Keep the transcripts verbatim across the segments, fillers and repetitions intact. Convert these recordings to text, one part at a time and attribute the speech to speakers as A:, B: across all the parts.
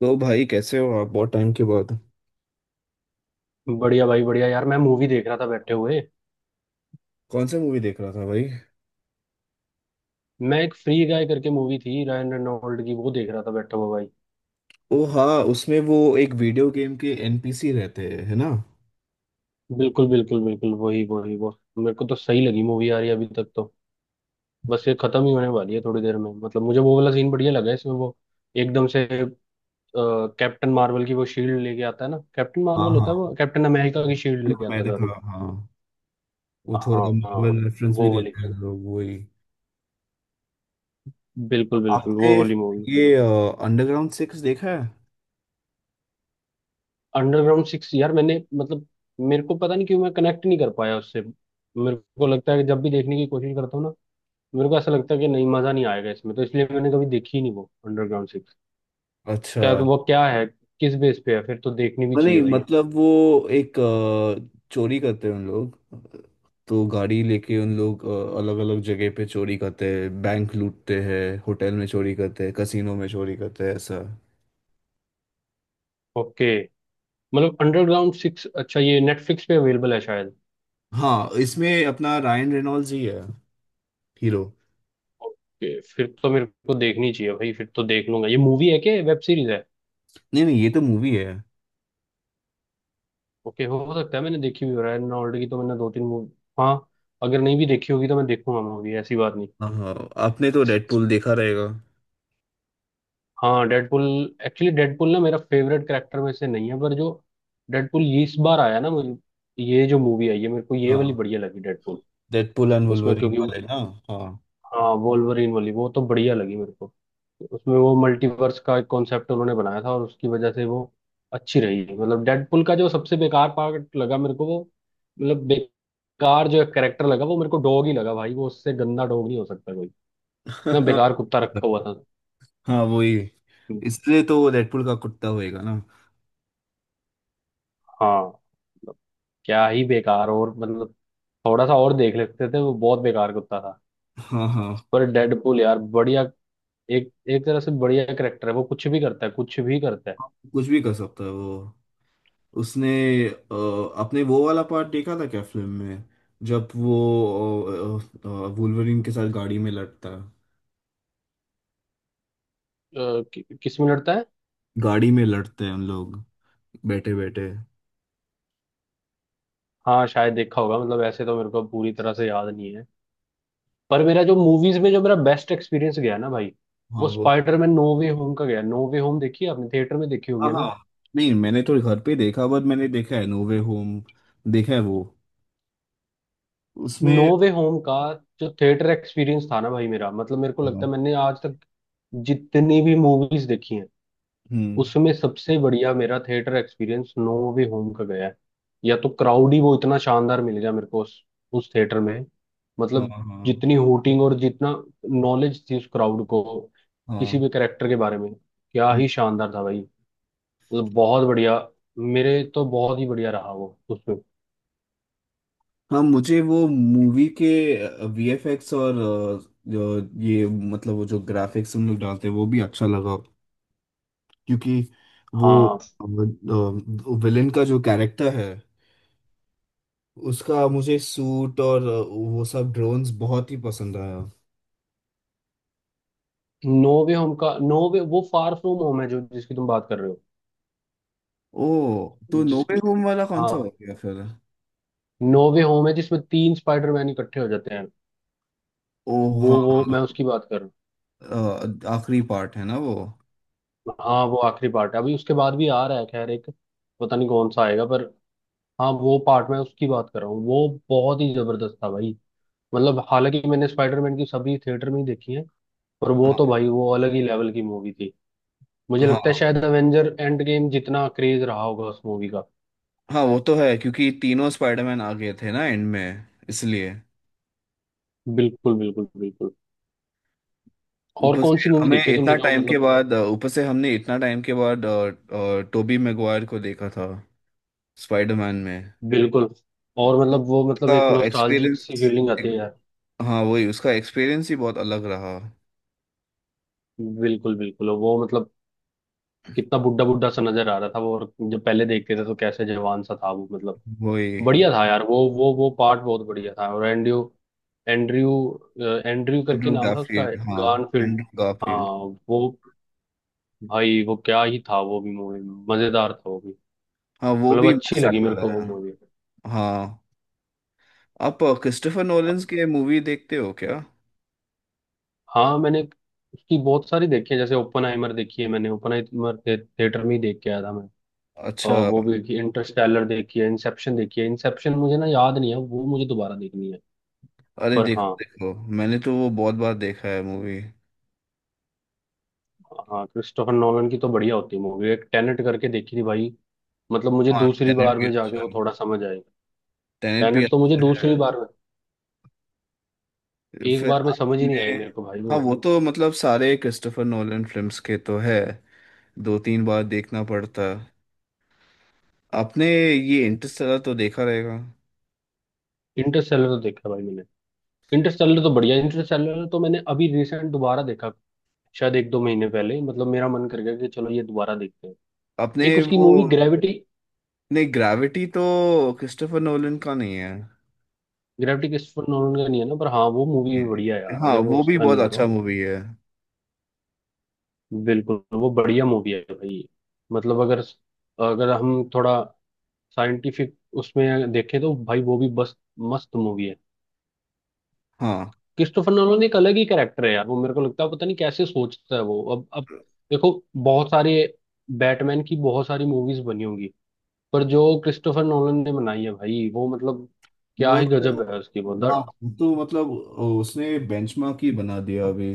A: तो भाई, कैसे हो आप? बहुत टाइम के बाद।
B: बढ़िया भाई, बढ़िया यार। मैं मूवी देख रहा था बैठे हुए।
A: कौन सा मूवी देख रहा था भाई?
B: मैं एक फ्री गाय करके मूवी थी, रायन रेनॉल्ड की, वो देख रहा था बैठा हुआ भाई।
A: ओ हाँ। उसमें वो एक वीडियो गेम के एन पी सी रहते हैं, है ना?
B: बिल्कुल बिल्कुल बिल्कुल, वही वही वो। मेरे को तो सही लगी मूवी यार ये, अभी तक तो। बस ये खत्म ही होने वाली है थोड़ी देर में। मतलब मुझे वो वाला सीन बढ़िया लगा इसमें, वो एकदम से कैप्टन मार्वल की वो शील्ड लेके आता है ना। कैप्टन
A: हाँ
B: मार्वल होता है,
A: हाँ,
B: वो कैप्टन अमेरिका की शील्ड लेके आता
A: मैं
B: है,
A: देखा
B: सॉरी।
A: हाँ। वो
B: हाँ
A: थोड़ा
B: हाँ।
A: मार्वल रेफरेंस भी
B: वो वाली,
A: देते हैं लोग, वही।
B: बिल्कुल बिल्कुल
A: आपने
B: वो वाली मूवी।
A: ये अंडरग्राउंड सिक्स देखा है?
B: अंडरग्राउंड सिक्स यार, मैंने मतलब, मेरे को पता नहीं क्यों मैं कनेक्ट नहीं कर पाया उससे। मेरे को लगता है कि जब भी देखने की कोशिश करता हूँ ना, मेरे को ऐसा लगता है कि नहीं, मजा नहीं आएगा इसमें। तो इसलिए मैंने कभी देखी ही नहीं वो अंडरग्राउंड सिक्स।
A: अच्छा।
B: क्या तो वो क्या है, किस बेस पे है? फिर तो देखनी भी
A: नहीं
B: चाहिए भाई।
A: मतलब वो एक अ, चोरी करते हैं उन लोग, तो गाड़ी लेके उन लोग अलग अलग जगह पे चोरी करते हैं, बैंक लूटते हैं, होटल में चोरी करते हैं, कसीनो में चोरी करते हैं, ऐसा।
B: ओके। मतलब अंडरग्राउंड सिक्स, अच्छा ये नेटफ्लिक्स पे अवेलेबल है शायद।
A: हाँ, इसमें अपना रायन रेनॉल्ड्स ही है, हीरो।
B: ओके, फिर तो मेरे को देखनी चाहिए भाई, फिर तो देख लूंगा। ये मूवी है क्या, वेब सीरीज है?
A: नहीं नहीं, ये तो मूवी है।
B: ओके, हो सकता है मैंने देखी भी हो। रहा है नॉल्ड की तो मैंने दो तीन मूवी। हाँ। अगर नहीं भी देखी होगी तो मैं देखूंगा मूवी, ऐसी बात नहीं।
A: हाँ हाँ, आपने तो डेडपूल देखा रहेगा।
B: हाँ डेडपुल। एक्चुअली डेडपुल ना मेरा फेवरेट कैरेक्टर में से नहीं है, पर जो डेडपुल ये इस बार आया ना, मुझे ये जो मूवी आई है मेरे को ये वाली
A: हाँ,
B: बढ़िया लगी डेडपुल।
A: डेडपूल एंड
B: उसमें
A: वुल्वरीन वाले
B: क्योंकि
A: ना। हाँ।
B: हाँ वोल्वरीन वाली, वो तो बढ़िया लगी मेरे को। उसमें वो मल्टीवर्स का एक कॉन्सेप्ट उन्होंने बनाया था, और उसकी वजह से वो अच्छी रही। मतलब डेडपुल का जो सबसे बेकार पार्ट लगा मेरे को वो, मतलब बेकार जो कैरेक्टर लगा वो, मेरे को डॉग ही लगा भाई। वो, उससे गंदा डॉग नहीं हो सकता कोई। इतना बेकार कुत्ता रखा हुआ था।
A: हाँ वही, इसलिए तो वो डेडपूल का कुत्ता होएगा ना।
B: हाँ मतलब क्या ही बेकार, और मतलब थोड़ा सा और देख लेते थे, वो बहुत बेकार कुत्ता था।
A: हाँ हाँ,
B: पर डेडपूल यार बढ़िया, एक एक तरह से बढ़िया करेक्टर है वो। कुछ भी करता है, कुछ भी करता है।
A: कुछ भी कर सकता है वो। उसने अ, आपने वो वाला पार्ट देखा था क्या फिल्म में? जब वो अ, अ, अ, वुल्वरीन के साथ गाड़ी में लड़ता है।
B: अ, कि, किस में लड़ता है?
A: गाड़ी में लड़ते हैं हम लोग, बैठे बैठे।
B: हाँ शायद देखा होगा, मतलब ऐसे तो मेरे को पूरी तरह से याद नहीं है, पर मेरा जो मूवीज में जो मेरा बेस्ट एक्सपीरियंस गया ना भाई,
A: हाँ
B: वो
A: वो।
B: स्पाइडरमैन नो वे होम का गया। नो वे होम देखी है आपने? थिएटर में देखी
A: हाँ
B: होगी
A: हाँ,
B: ना?
A: नहीं मैंने तो घर पे देखा, बट मैंने देखा है नोवे होम, देखा है वो।
B: नो
A: उसमें
B: वे होम का जो थिएटर एक्सपीरियंस था ना भाई मेरा, मतलब मेरे को
A: हाँ,
B: लगता है मैंने आज तक जितनी भी मूवीज देखी हैं,
A: हम्म।
B: उसमें सबसे बढ़िया मेरा theatre experience no way home का गया है। या तो क्राउड ही वो इतना शानदार मिल गया मेरे को उस, उस थिएटर में।
A: हाँ
B: मतलब
A: हाँ
B: जितनी हूटिंग और जितना नॉलेज थी उस क्राउड को, किसी भी
A: हाँ।
B: करेक्टर के बारे में, क्या
A: हम्म।
B: ही शानदार था भाई। मतलब बहुत बढ़िया, मेरे तो बहुत ही बढ़िया रहा वो उसमें।
A: हाँ, मुझे वो मूवी के वी एफ एक्स और अ, जो ये मतलब वो जो ग्राफिक्स उन लोग डालते हैं वो भी अच्छा लगा, क्योंकि वो
B: हाँ।
A: विलेन का जो कैरेक्टर है उसका मुझे सूट और अ, वो सब ड्रोन्स बहुत ही पसंद आया।
B: नो वे होम का नो वे, वो फार फ्रॉम होम है जो, जिसकी तुम बात कर रहे हो।
A: ओ, तो नोवे
B: जिसकी
A: होम वाला कौन सा
B: हाँ,
A: हो गया फिर?
B: नो वे होम है जिसमें तीन स्पाइडरमैन इकट्ठे हो जाते हैं।
A: ओ
B: वो
A: हाँ
B: वो
A: हाँ।
B: मैं उसकी बात कर रहा हूँ।
A: अ, आखिरी पार्ट है ना वो।
B: हाँ वो आखिरी पार्ट है, अभी उसके बाद भी आ रहा है खैर एक, पता नहीं कौन सा आएगा, पर हाँ वो पार्ट मैं उसकी बात कर रहा हूँ। वो बहुत ही जबरदस्त था भाई। मतलब हालांकि मैंने स्पाइडरमैन की सभी थिएटर में ही देखी है, पर वो तो
A: हाँ
B: भाई, वो अलग ही लेवल की मूवी थी। मुझे लगता है
A: हाँ,
B: शायद अवेंजर एंड गेम जितना क्रेज रहा होगा उस मूवी का।
A: हाँ वो तो है क्योंकि तीनों स्पाइडरमैन आ गए थे ना एंड में, इसलिए
B: बिल्कुल बिल्कुल बिल्कुल। और
A: ऊपर
B: कौन
A: से
B: सी मूवी
A: हमें
B: देखी है
A: इतना
B: तुमने जो
A: टाइम के
B: मतलब,
A: बाद, ऊपर से हमने इतना टाइम के बाद टोबी मैगवायर को देखा था स्पाइडरमैन में।
B: बिल्कुल और मतलब वो मतलब
A: उसका
B: एक नोस्टाल्जिक सी
A: एक्सपीरियंस,
B: फीलिंग आती है यार।
A: हाँ वही, उसका एक्सपीरियंस ही बहुत अलग रहा।
B: बिल्कुल बिल्कुल, वो मतलब कितना बुड्ढा बुड्ढा सा नजर आ रहा था वो, और जब पहले देखते थे तो कैसे जवान सा था वो, मतलब
A: वही
B: बढ़िया था यार वो वो वो पार्ट बहुत बढ़िया था। और एंड्रयू एंड्रयू एंड्रयू करके
A: एंड्रू
B: नाम था उसका,
A: गारफील्ड। हाँ,
B: गारफील्ड।
A: एंड्रू
B: हाँ
A: गारफील्ड।
B: वो, भाई वो क्या ही था वो भी मूवी, मजेदार था वो भी।
A: हाँ, वो
B: मतलब
A: भी
B: अच्छी
A: मस्त
B: लगी मेरे
A: एक्टर
B: को वो
A: है।
B: मूवी।
A: हाँ, आप क्रिस्टोफर नोलन्स के मूवी देखते हो क्या?
B: हाँ मैंने उसकी बहुत सारी देखी है। जैसे ओपनहाइमर देखी है मैंने, ओपनहाइमर थे, थिएटर में ही देख के आया था मैं।
A: अच्छा।
B: और वो भी इंटरस्टेलर देखी है, इंसेप्शन देखी है। इंसेप्शन मुझे ना याद नहीं है, वो मुझे दोबारा देखनी है।
A: अरे
B: पर
A: देखो
B: हाँ।
A: देखो, मैंने तो वो बहुत बार देखा है मूवी।
B: हाँ क्रिस्टोफर नोलन की तो बढ़िया होती है मूवी। एक टेनेट करके देखी थी भाई, मतलब मुझे
A: हाँ,
B: दूसरी
A: टेनेट
B: बार
A: भी
B: में जाके
A: अच्छा
B: वो
A: है,
B: थोड़ा समझ आएगा।
A: टेनेट भी
B: टेनेट तो मुझे
A: अच्छा है।
B: दूसरी बार में, एक
A: फिर
B: बार में समझ ही नहीं
A: आपने,
B: आई मेरे को भाई
A: हाँ
B: वो।
A: वो तो मतलब सारे क्रिस्टोफर नोलन फिल्म्स के तो है, दो तीन बार देखना पड़ता है। आपने ये इंटरस्टेलर तो देखा रहेगा।
B: इंटरस्टेलर तो देखा भाई मैंने, इंटरस्टेलर तो बढ़िया, इंटरस्टेलर तो मैंने अभी रिसेंट दोबारा देखा, शायद एक दो महीने पहले। मतलब मेरा मन कर गया कि चलो ये दोबारा देखते हैं।
A: आपने
B: एक उसकी
A: वो,
B: मूवी ग्रेविटी,
A: नहीं ग्रेविटी तो क्रिस्टोफर नोलन का नहीं है।
B: ग्रेविटी क्रिस्टोफर नोलन का नहीं है ना, पर हाँ वो मूवी भी बढ़िया है यार,
A: हाँ
B: अगर वो
A: वो भी
B: उसका
A: बहुत
B: नहीं है
A: अच्छा
B: तो।
A: मूवी है।
B: बिल्कुल वो बढ़िया मूवी है भाई। मतलब अगर, अगर हम थोड़ा साइंटिफिक उसमें देखें तो भाई, वो भी बस मस्त मूवी है।
A: हाँ
B: क्रिस्टोफर नोलन एक अलग ही कैरेक्टर है यार वो, मेरे को लगता है पता नहीं कैसे सोचता है वो। अब अब देखो, बहुत सारे बैटमैन की बहुत सारी मूवीज बनी होंगी, पर जो क्रिस्टोफर नोलन ने बनाई है भाई वो, मतलब क्या
A: वो
B: ही
A: तो,
B: गजब है उसकी वो द।
A: हाँ वो तो मतलब उसने बेंचमार्क ही बना दिया अभी,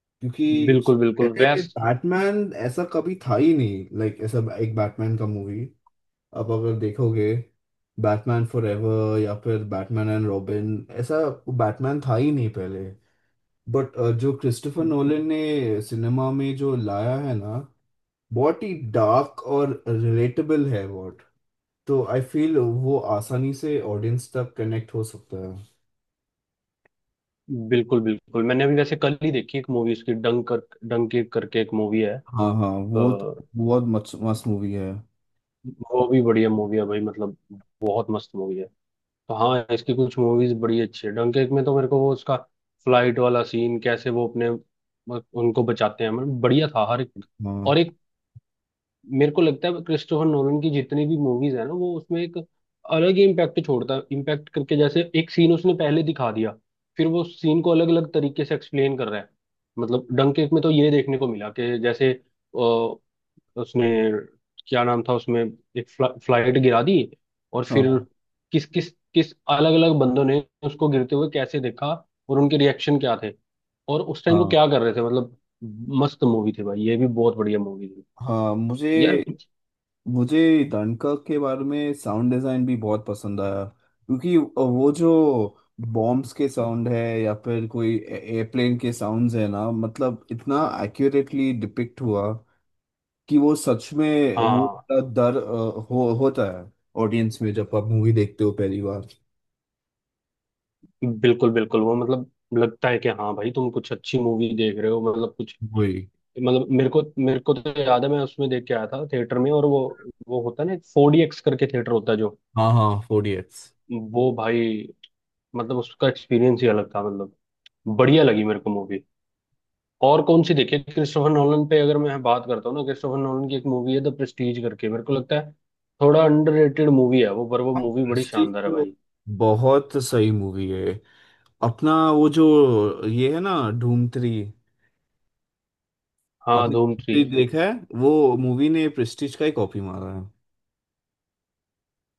A: क्योंकि उस
B: बिल्कुल बिल्कुल
A: पहले
B: वैस
A: बैटमैन ऐसा कभी था ही नहीं, लाइक ऐसा एक बैटमैन का मूवी। अब अगर देखोगे बैटमैन फॉरएवर या फिर बैटमैन एंड रॉबिन, ऐसा बैटमैन था ही नहीं पहले। बट जो क्रिस्टोफर नोलन ने सिनेमा में जो लाया है ना, बहुत ही डार्क और रिलेटेबल है बहुत। तो आई फील वो आसानी से ऑडियंस तक कनेक्ट हो सकता है।
B: बिल्कुल बिल्कुल। मैंने अभी वैसे कल ही देखी एक मूवी उसकी, डंक कर डंकी करके एक मूवी है।
A: हाँ हाँ, वो तो
B: अ,
A: बहुत मस्त मस्त मूवी है।
B: वो भी बढ़िया मूवी है भाई, मतलब बहुत मस्त मूवी है। तो हाँ, इसकी कुछ मूवीज बड़ी अच्छी है। डंकेर्क में तो मेरे को वो उसका फ्लाइट वाला सीन, कैसे वो अपने उनको बचाते हैं, मतलब बढ़िया था हर एक। और
A: हाँ
B: एक, मेरे को लगता है क्रिस्टोफर नोलन की जितनी भी मूवीज है ना, वो उसमें एक अलग ही इम्पैक्ट छोड़ता है। इम्पैक्ट करके, जैसे एक सीन उसने पहले दिखा दिया, फिर वो सीन को अलग अलग तरीके से एक्सप्लेन कर रहा है। मतलब डंकेर्क में तो ये देखने को मिला कि जैसे उसने, क्या नाम था उसमें, एक फ्ला, फ्लाइट गिरा दी, और फिर
A: हाँ।
B: किस किस किस अलग अलग बंदों ने उसको गिरते हुए कैसे देखा, और उनके रिएक्शन क्या थे, और उस टाइम वो
A: हाँ।
B: क्या कर रहे थे। मतलब मस्त मूवी थी भाई, ये भी बहुत बढ़िया मूवी थी
A: हाँ मुझे
B: यार।
A: मुझे डनकर्क के बारे में साउंड डिजाइन भी बहुत पसंद आया, क्योंकि वो जो बॉम्ब्स के साउंड है या फिर कोई एयरप्लेन के साउंड्स है ना, मतलब इतना एक्यूरेटली डिपिक्ट हुआ कि वो सच में वो
B: हाँ।
A: इतना डर अ, हो होता है ऑडियंस में जब आप मूवी देखते हो पहली बार।
B: बिल्कुल बिल्कुल, वो मतलब लगता है कि हाँ भाई, तुम कुछ अच्छी मूवी देख रहे हो। मतलब कुछ
A: वही।
B: मतलब मेरे को मेरे को तो याद है, मैं उसमें देख के आया था थिएटर में, और वो वो होता है ना फोर डी एक्स करके थिएटर होता है जो,
A: हाँ हाँ, फोर इडियट्स।
B: वो भाई मतलब उसका एक्सपीरियंस ही अलग था। मतलब बढ़िया लगी मेरे को मूवी। और कौन सी देखी क्रिस्टोफर नोलन पे, अगर मैं बात करता हूँ ना क्रिस्टोफर नोलन की, एक मूवी है द प्रेस्टीज करके। मेरे को लगता है थोड़ा अंडररेटेड मूवी है वो, पर वो
A: हाँ,
B: मूवी बड़ी
A: प्रेस्टीज
B: शानदार है
A: तो
B: भाई।
A: बहुत सही मूवी है। अपना वो जो ये है ना धूम थ्री।
B: हाँ
A: आपने
B: धूम थ्री।
A: प्रेस्टीज देखा है? वो मूवी ने प्रेस्टीज का ही कॉपी मारा है।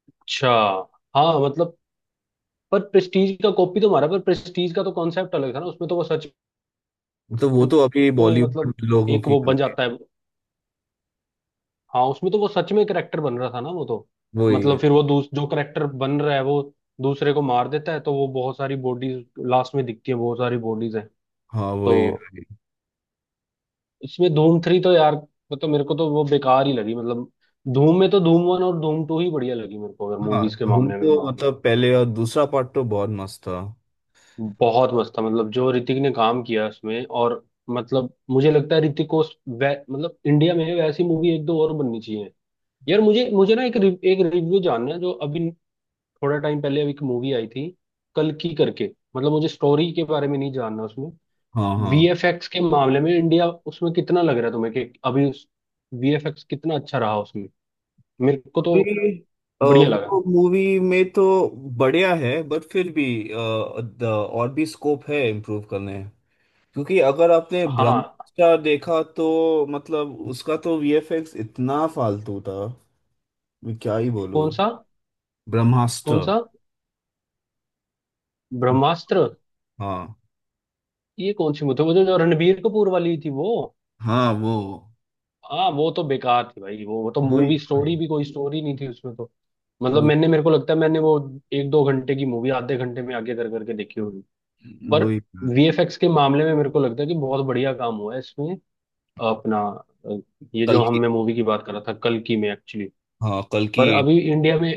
B: अच्छा। हाँ मतलब, पर प्रेस्टीज का कॉपी तो मारा, पर प्रेस्टीज का तो कॉन्सेप्ट अलग था ना। उसमें तो वो सच
A: तो वो तो अभी
B: में मतलब
A: बॉलीवुड लोगों
B: एक
A: की
B: वो बन
A: गलती।
B: जाता है। हाँ उसमें तो वो सच में करेक्टर बन रहा था ना वो तो।
A: वही है।
B: मतलब फिर वो दूस, जो करेक्टर बन रहा है वो दूसरे को मार देता है, तो वो बहुत सारी बॉडीज लास्ट में दिखती है, बहुत सारी बॉडीज हैं।
A: हाँ वही
B: तो
A: है।
B: इसमें धूम थ्री तो यार, मतलब मेरे को तो वो बेकार ही लगी। मतलब धूम में तो धूम वन और धूम टू ही बढ़िया लगी मेरे को, अगर
A: हाँ
B: मूवीज के
A: धूम
B: मामले में
A: तो
B: मान।
A: मतलब पहले और दूसरा पार्ट तो बहुत मस्त था।
B: बहुत मस्त था, मतलब जो ऋतिक ने काम किया उसमें, और मतलब मुझे लगता है ऋतिक को उस- वै, मतलब इंडिया में वैसी मूवी एक दो और बननी चाहिए यार। मुझे मुझे ना एक रिव, एक रिव्यू जानना है जो अभी, थोड़ा टाइम पहले अभी एक मूवी आई थी कल की करके। मतलब मुझे स्टोरी के बारे में नहीं जानना उसमें,
A: हाँ हाँ।
B: वीएफएक्स के मामले में इंडिया उसमें कितना लग रहा है तुम्हें, कि अभी उस वीएफएक्स कितना अच्छा रहा उसमें। मेरे को तो
A: अभी, अ,
B: बढ़िया लगा।
A: वो मूवी में तो बढ़िया है बट फिर भी अ, द- और भी स्कोप है इम्प्रूव करने, क्योंकि अगर आपने
B: हाँ।
A: ब्रह्मास्त्र देखा तो मतलब उसका तो वी एफ एक्स इतना फालतू था, मैं क्या ही बोलूँ।
B: कौन सा?
A: ब्रह्मास्त्र।
B: कौन सा ब्रह्मास्त्र,
A: हाँ।
B: ये कौन सी मूवी? वो जो जो रणबीर कपूर वाली थी वो?
A: हाँ वो,
B: हाँ वो तो बेकार थी भाई। वो वो तो
A: वही
B: मूवी स्टोरी
A: वही
B: भी, कोई स्टोरी नहीं थी उसमें तो। मतलब
A: वो
B: मैंने, मेरे को लगता है मैंने वो एक दो घंटे की मूवी आधे घंटे में आगे कर करके देखी होगी। पर
A: वही।
B: वीएफएक्स के मामले में मेरे को लगता है कि बहुत बढ़िया काम हुआ है इसमें अपना, अ, ये जो
A: कल की,
B: हमने मूवी की बात कर रहा था कल की में एक्चुअली।
A: हाँ कल
B: पर
A: की एट।
B: अभी इंडिया में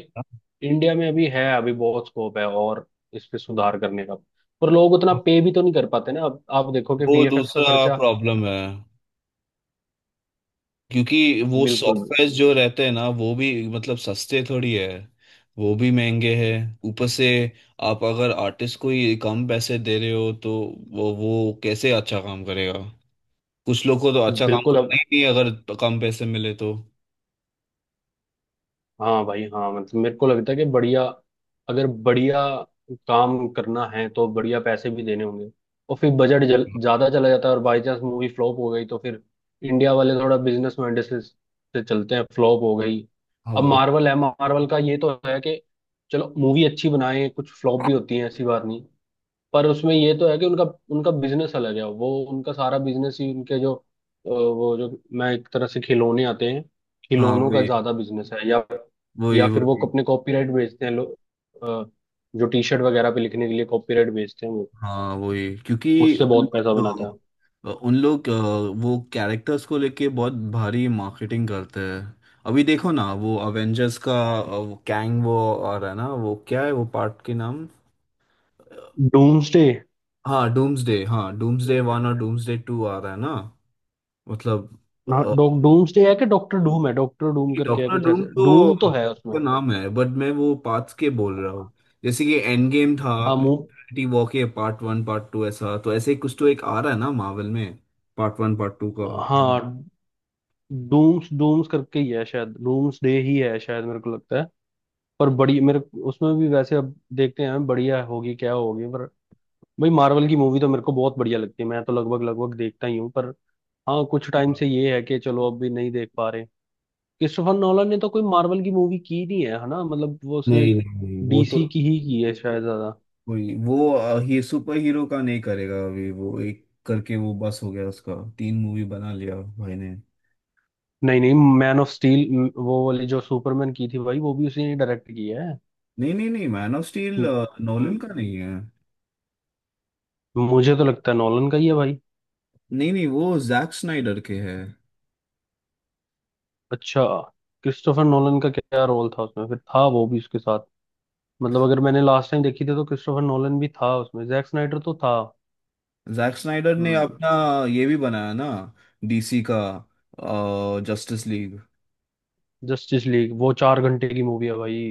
B: इंडिया में अभी है, अभी बहुत स्कोप है और इस पे सुधार करने का। पर लोग उतना पे भी तो नहीं कर पाते ना, अब आप देखो कि
A: वो
B: वीएफएक्स का
A: दूसरा
B: खर्चा।
A: प्रॉब्लम है, क्योंकि वो
B: बिल्कुल
A: सॉफ्टवेयर जो रहते हैं ना वो भी मतलब सस्ते थोड़ी है, वो भी महंगे हैं ऊपर से। आप अगर आर्टिस्ट को ही कम पैसे दे रहे हो तो वो वो कैसे अच्छा काम करेगा? कुछ लोग को तो अच्छा काम
B: बिल्कुल।
A: करना ही नहीं है, अगर कम पैसे मिले तो।
B: हाँ भाई हाँ, मतलब मेरे को लगता है कि बढ़िया, अगर बढ़िया काम करना है तो बढ़िया पैसे भी देने होंगे। और फिर बजट जल, ज्यादा चला जाता है, और बाई चांस मूवी फ्लॉप हो गई तो फिर इंडिया वाले थोड़ा बिजनेस माइंड से, से चलते हैं, फ्लॉप हो गई।
A: हाँ
B: अब
A: वो।
B: मार्वल है, मार्वल का ये तो है कि चलो मूवी अच्छी बनाए, कुछ फ्लॉप भी होती है ऐसी बात नहीं। पर उसमें ये तो है कि उनका उनका बिजनेस अलग है। वो उनका सारा बिजनेस ही उनके जो, अ, वो जो, मैं एक तरह से, खिलौने आते हैं,
A: हाँ
B: खिलौनों का
A: वही
B: ज्यादा बिजनेस है, या
A: वही
B: या फिर वो
A: वही।
B: अपने कॉपीराइट बेचते हैं लोग, अ, जो टी शर्ट वगैरह पे लिखने के लिए कॉपीराइट बेचते हैं वो,
A: हाँ वही, क्योंकि
B: उससे
A: उन
B: बहुत पैसा बनाता
A: लोग अ, उन लोग अ, वो कैरेक्टर्स को लेके बहुत भारी मार्केटिंग करते हैं। अभी देखो ना वो अवेंजर्स का अ, वो कैंग, वो और है ना, वो क्या है वो पार्ट के नाम? अ,
B: है। डूम्सडे।
A: हाँ डूम्सडे। हाँ, डूम्सडे वन और डूम्सडे टू आ रहा है ना, मतलब।
B: हाँ डॉ डूम्सडे है कि डॉक्टर डूम है? डॉक्टर डूम करके है
A: डॉक्टर
B: कुछ
A: डूम
B: ऐसे,
A: तो
B: डूम तो है उसमें।
A: उसका नाम है, बट मैं वो पार्ट्स के बोल रहा हूँ। जैसे कि एंड गेम था,
B: हाँ मुंह।
A: इन्फिनिटी वॉर के पार्ट वन पार्ट टू, ऐसा तो ऐसे ही कुछ तो एक आ रहा है ना मार्वल में, पार्ट वन पार्ट टू का।
B: हाँ डूम्स डूम्स करके ही है शायद, डूम्सडे ही है शायद, मेरे को लगता है। पर बड़ी मेरे, उसमें भी वैसे अब देखते हैं बढ़िया होगी क्या होगी। पर भाई मार्वल की मूवी तो मेरे को बहुत बढ़िया लगती है, मैं तो लगभग लगभग देखता ही हूँ। पर हाँ, कुछ टाइम से ये है कि चलो अब भी नहीं देख पा रहे। क्रिस्टोफर नॉलन ने तो कोई मार्वल की मूवी की नहीं है है ना, मतलब वो उसने
A: नहीं नहीं नहीं, वो तो
B: डीसी की ही की है शायद ज्यादा।
A: कोई वो अ, ही सुपर हीरो का नहीं करेगा अभी, वो एक करके वो बस हो गया, उसका तीन मूवी बना लिया भाई ने।
B: नहीं नहीं, मैन ऑफ स्टील वो वाली जो सुपरमैन की थी भाई, वो भी उसी ने डायरेक्ट की है।
A: नहीं नहीं नहीं, मैन ऑफ स्टील
B: म-
A: नोलन
B: म-
A: का नहीं है।
B: मुझे तो लगता है नॉलन का ही है भाई।
A: नहीं नहीं, वो जैक स्नाइडर के है।
B: अच्छा, क्रिस्टोफर नॉलन का क्या रोल था उसमें फिर, था वो भी उसके साथ? मतलब अगर मैंने लास्ट टाइम देखी थी तो क्रिस्टोफर नोलन भी था उसमें, जैक स्नाइडर तो था।
A: जैक स्नाइडर ने
B: हम्म।
A: अपना ये भी बनाया ना, डी सी का जस्टिस लीग।
B: जस्टिस लीग वो चार घंटे की मूवी है भाई,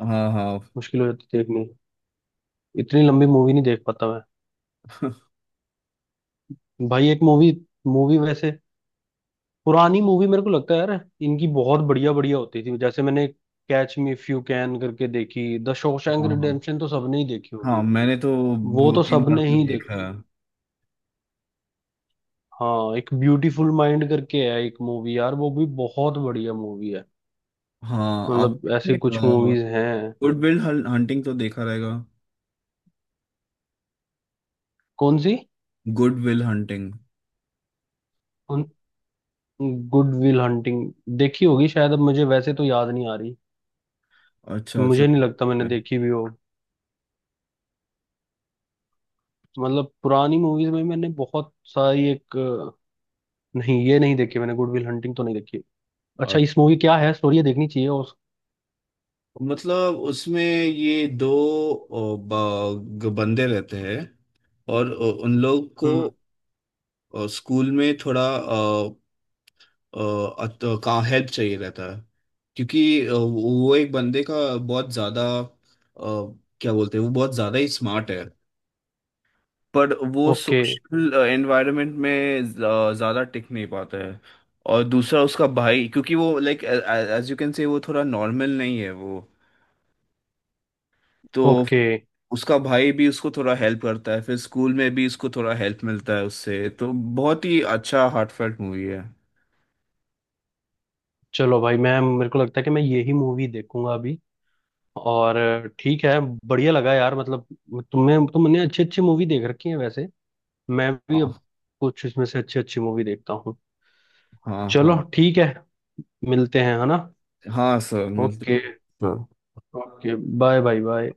A: हाँ हाँ।
B: मुश्किल हो जाती देखने, इतनी लंबी मूवी नहीं देख पाता मैं। भाई एक मूवी, मूवी वैसे पुरानी मूवी, मेरे को लगता है यार इनकी बहुत बढ़िया बढ़िया होती थी। जैसे मैंने Catch Me If You Can करके देखी, द शॉशैंक
A: हाँ हाँ।
B: रिडेम्पशन तो सबने ही देखी
A: हाँ,
B: होगी,
A: मैंने तो
B: वो
A: दो
B: तो
A: तीन बार
B: सबने
A: तो
B: ही
A: देखा
B: देखी।
A: है।
B: हाँ एक ब्यूटीफुल माइंड करके है एक मूवी यार, वो भी बहुत बढ़िया मूवी है।
A: हाँ,
B: मतलब ऐसे
A: आपने
B: कुछ मूवीज हैं।
A: गुड विल हंटिंग तो देखा रहेगा।
B: कौन सी?
A: Good Will Hunting.
B: Good Will Hunting, देखी होगी शायद, अब मुझे वैसे तो याद नहीं आ रही,
A: अच्छा अच्छा।
B: मुझे नहीं लगता मैंने देखी भी हो। मतलब पुरानी मूवीज में मैंने बहुत सारी एक अ, नहीं, ये नहीं देखी मैंने, गुड विल हंटिंग तो नहीं देखी। अच्छा,
A: और
B: इस मूवी क्या है स्टोरी, ये देखनी चाहिए, और
A: मतलब उसमें ये दो ओ, ब- ग- बंदे रहते हैं, और उ- उन लोग को
B: हम्म।
A: अ, स्कूल में थोड़ा कहाँ हेल्प चाहिए रहता है, क्योंकि अ, वो एक बंदे का बहुत ज्यादा अ, क्या बोलते हैं, वो बहुत ज्यादा ही स्मार्ट है, पर वो
B: ओके।
A: सोशल एनवायरनमेंट में ज- ज्यादा टिक नहीं पाता है। और दूसरा उसका भाई, क्योंकि वो like as you can say वो थोड़ा नॉर्मल नहीं है वो, तो
B: ओके
A: उसका भाई भी उसको थोड़ा हेल्प करता है, फिर स्कूल में भी उसको थोड़ा हेल्प मिलता है उससे, तो बहुत ही अच्छा हार्टफेल्ट मूवी है।
B: चलो भाई, मैं, मेरे को लगता है कि मैं यही मूवी देखूंगा अभी। और अ, ठीक है, बढ़िया लगा यार। मतलब तुम्हें तुमने अच्छी अच्छी मूवी देख रखी है वैसे, मैं भी अब
A: हाँ
B: कुछ इसमें से अच्छी अच्छी मूवी देखता हूँ।
A: हाँ।
B: चलो
A: हाँ
B: ठीक है, मिलते हैं है ना?
A: हाँ सर, मिलते
B: ओके।
A: हैं।
B: Okay bye bye bye.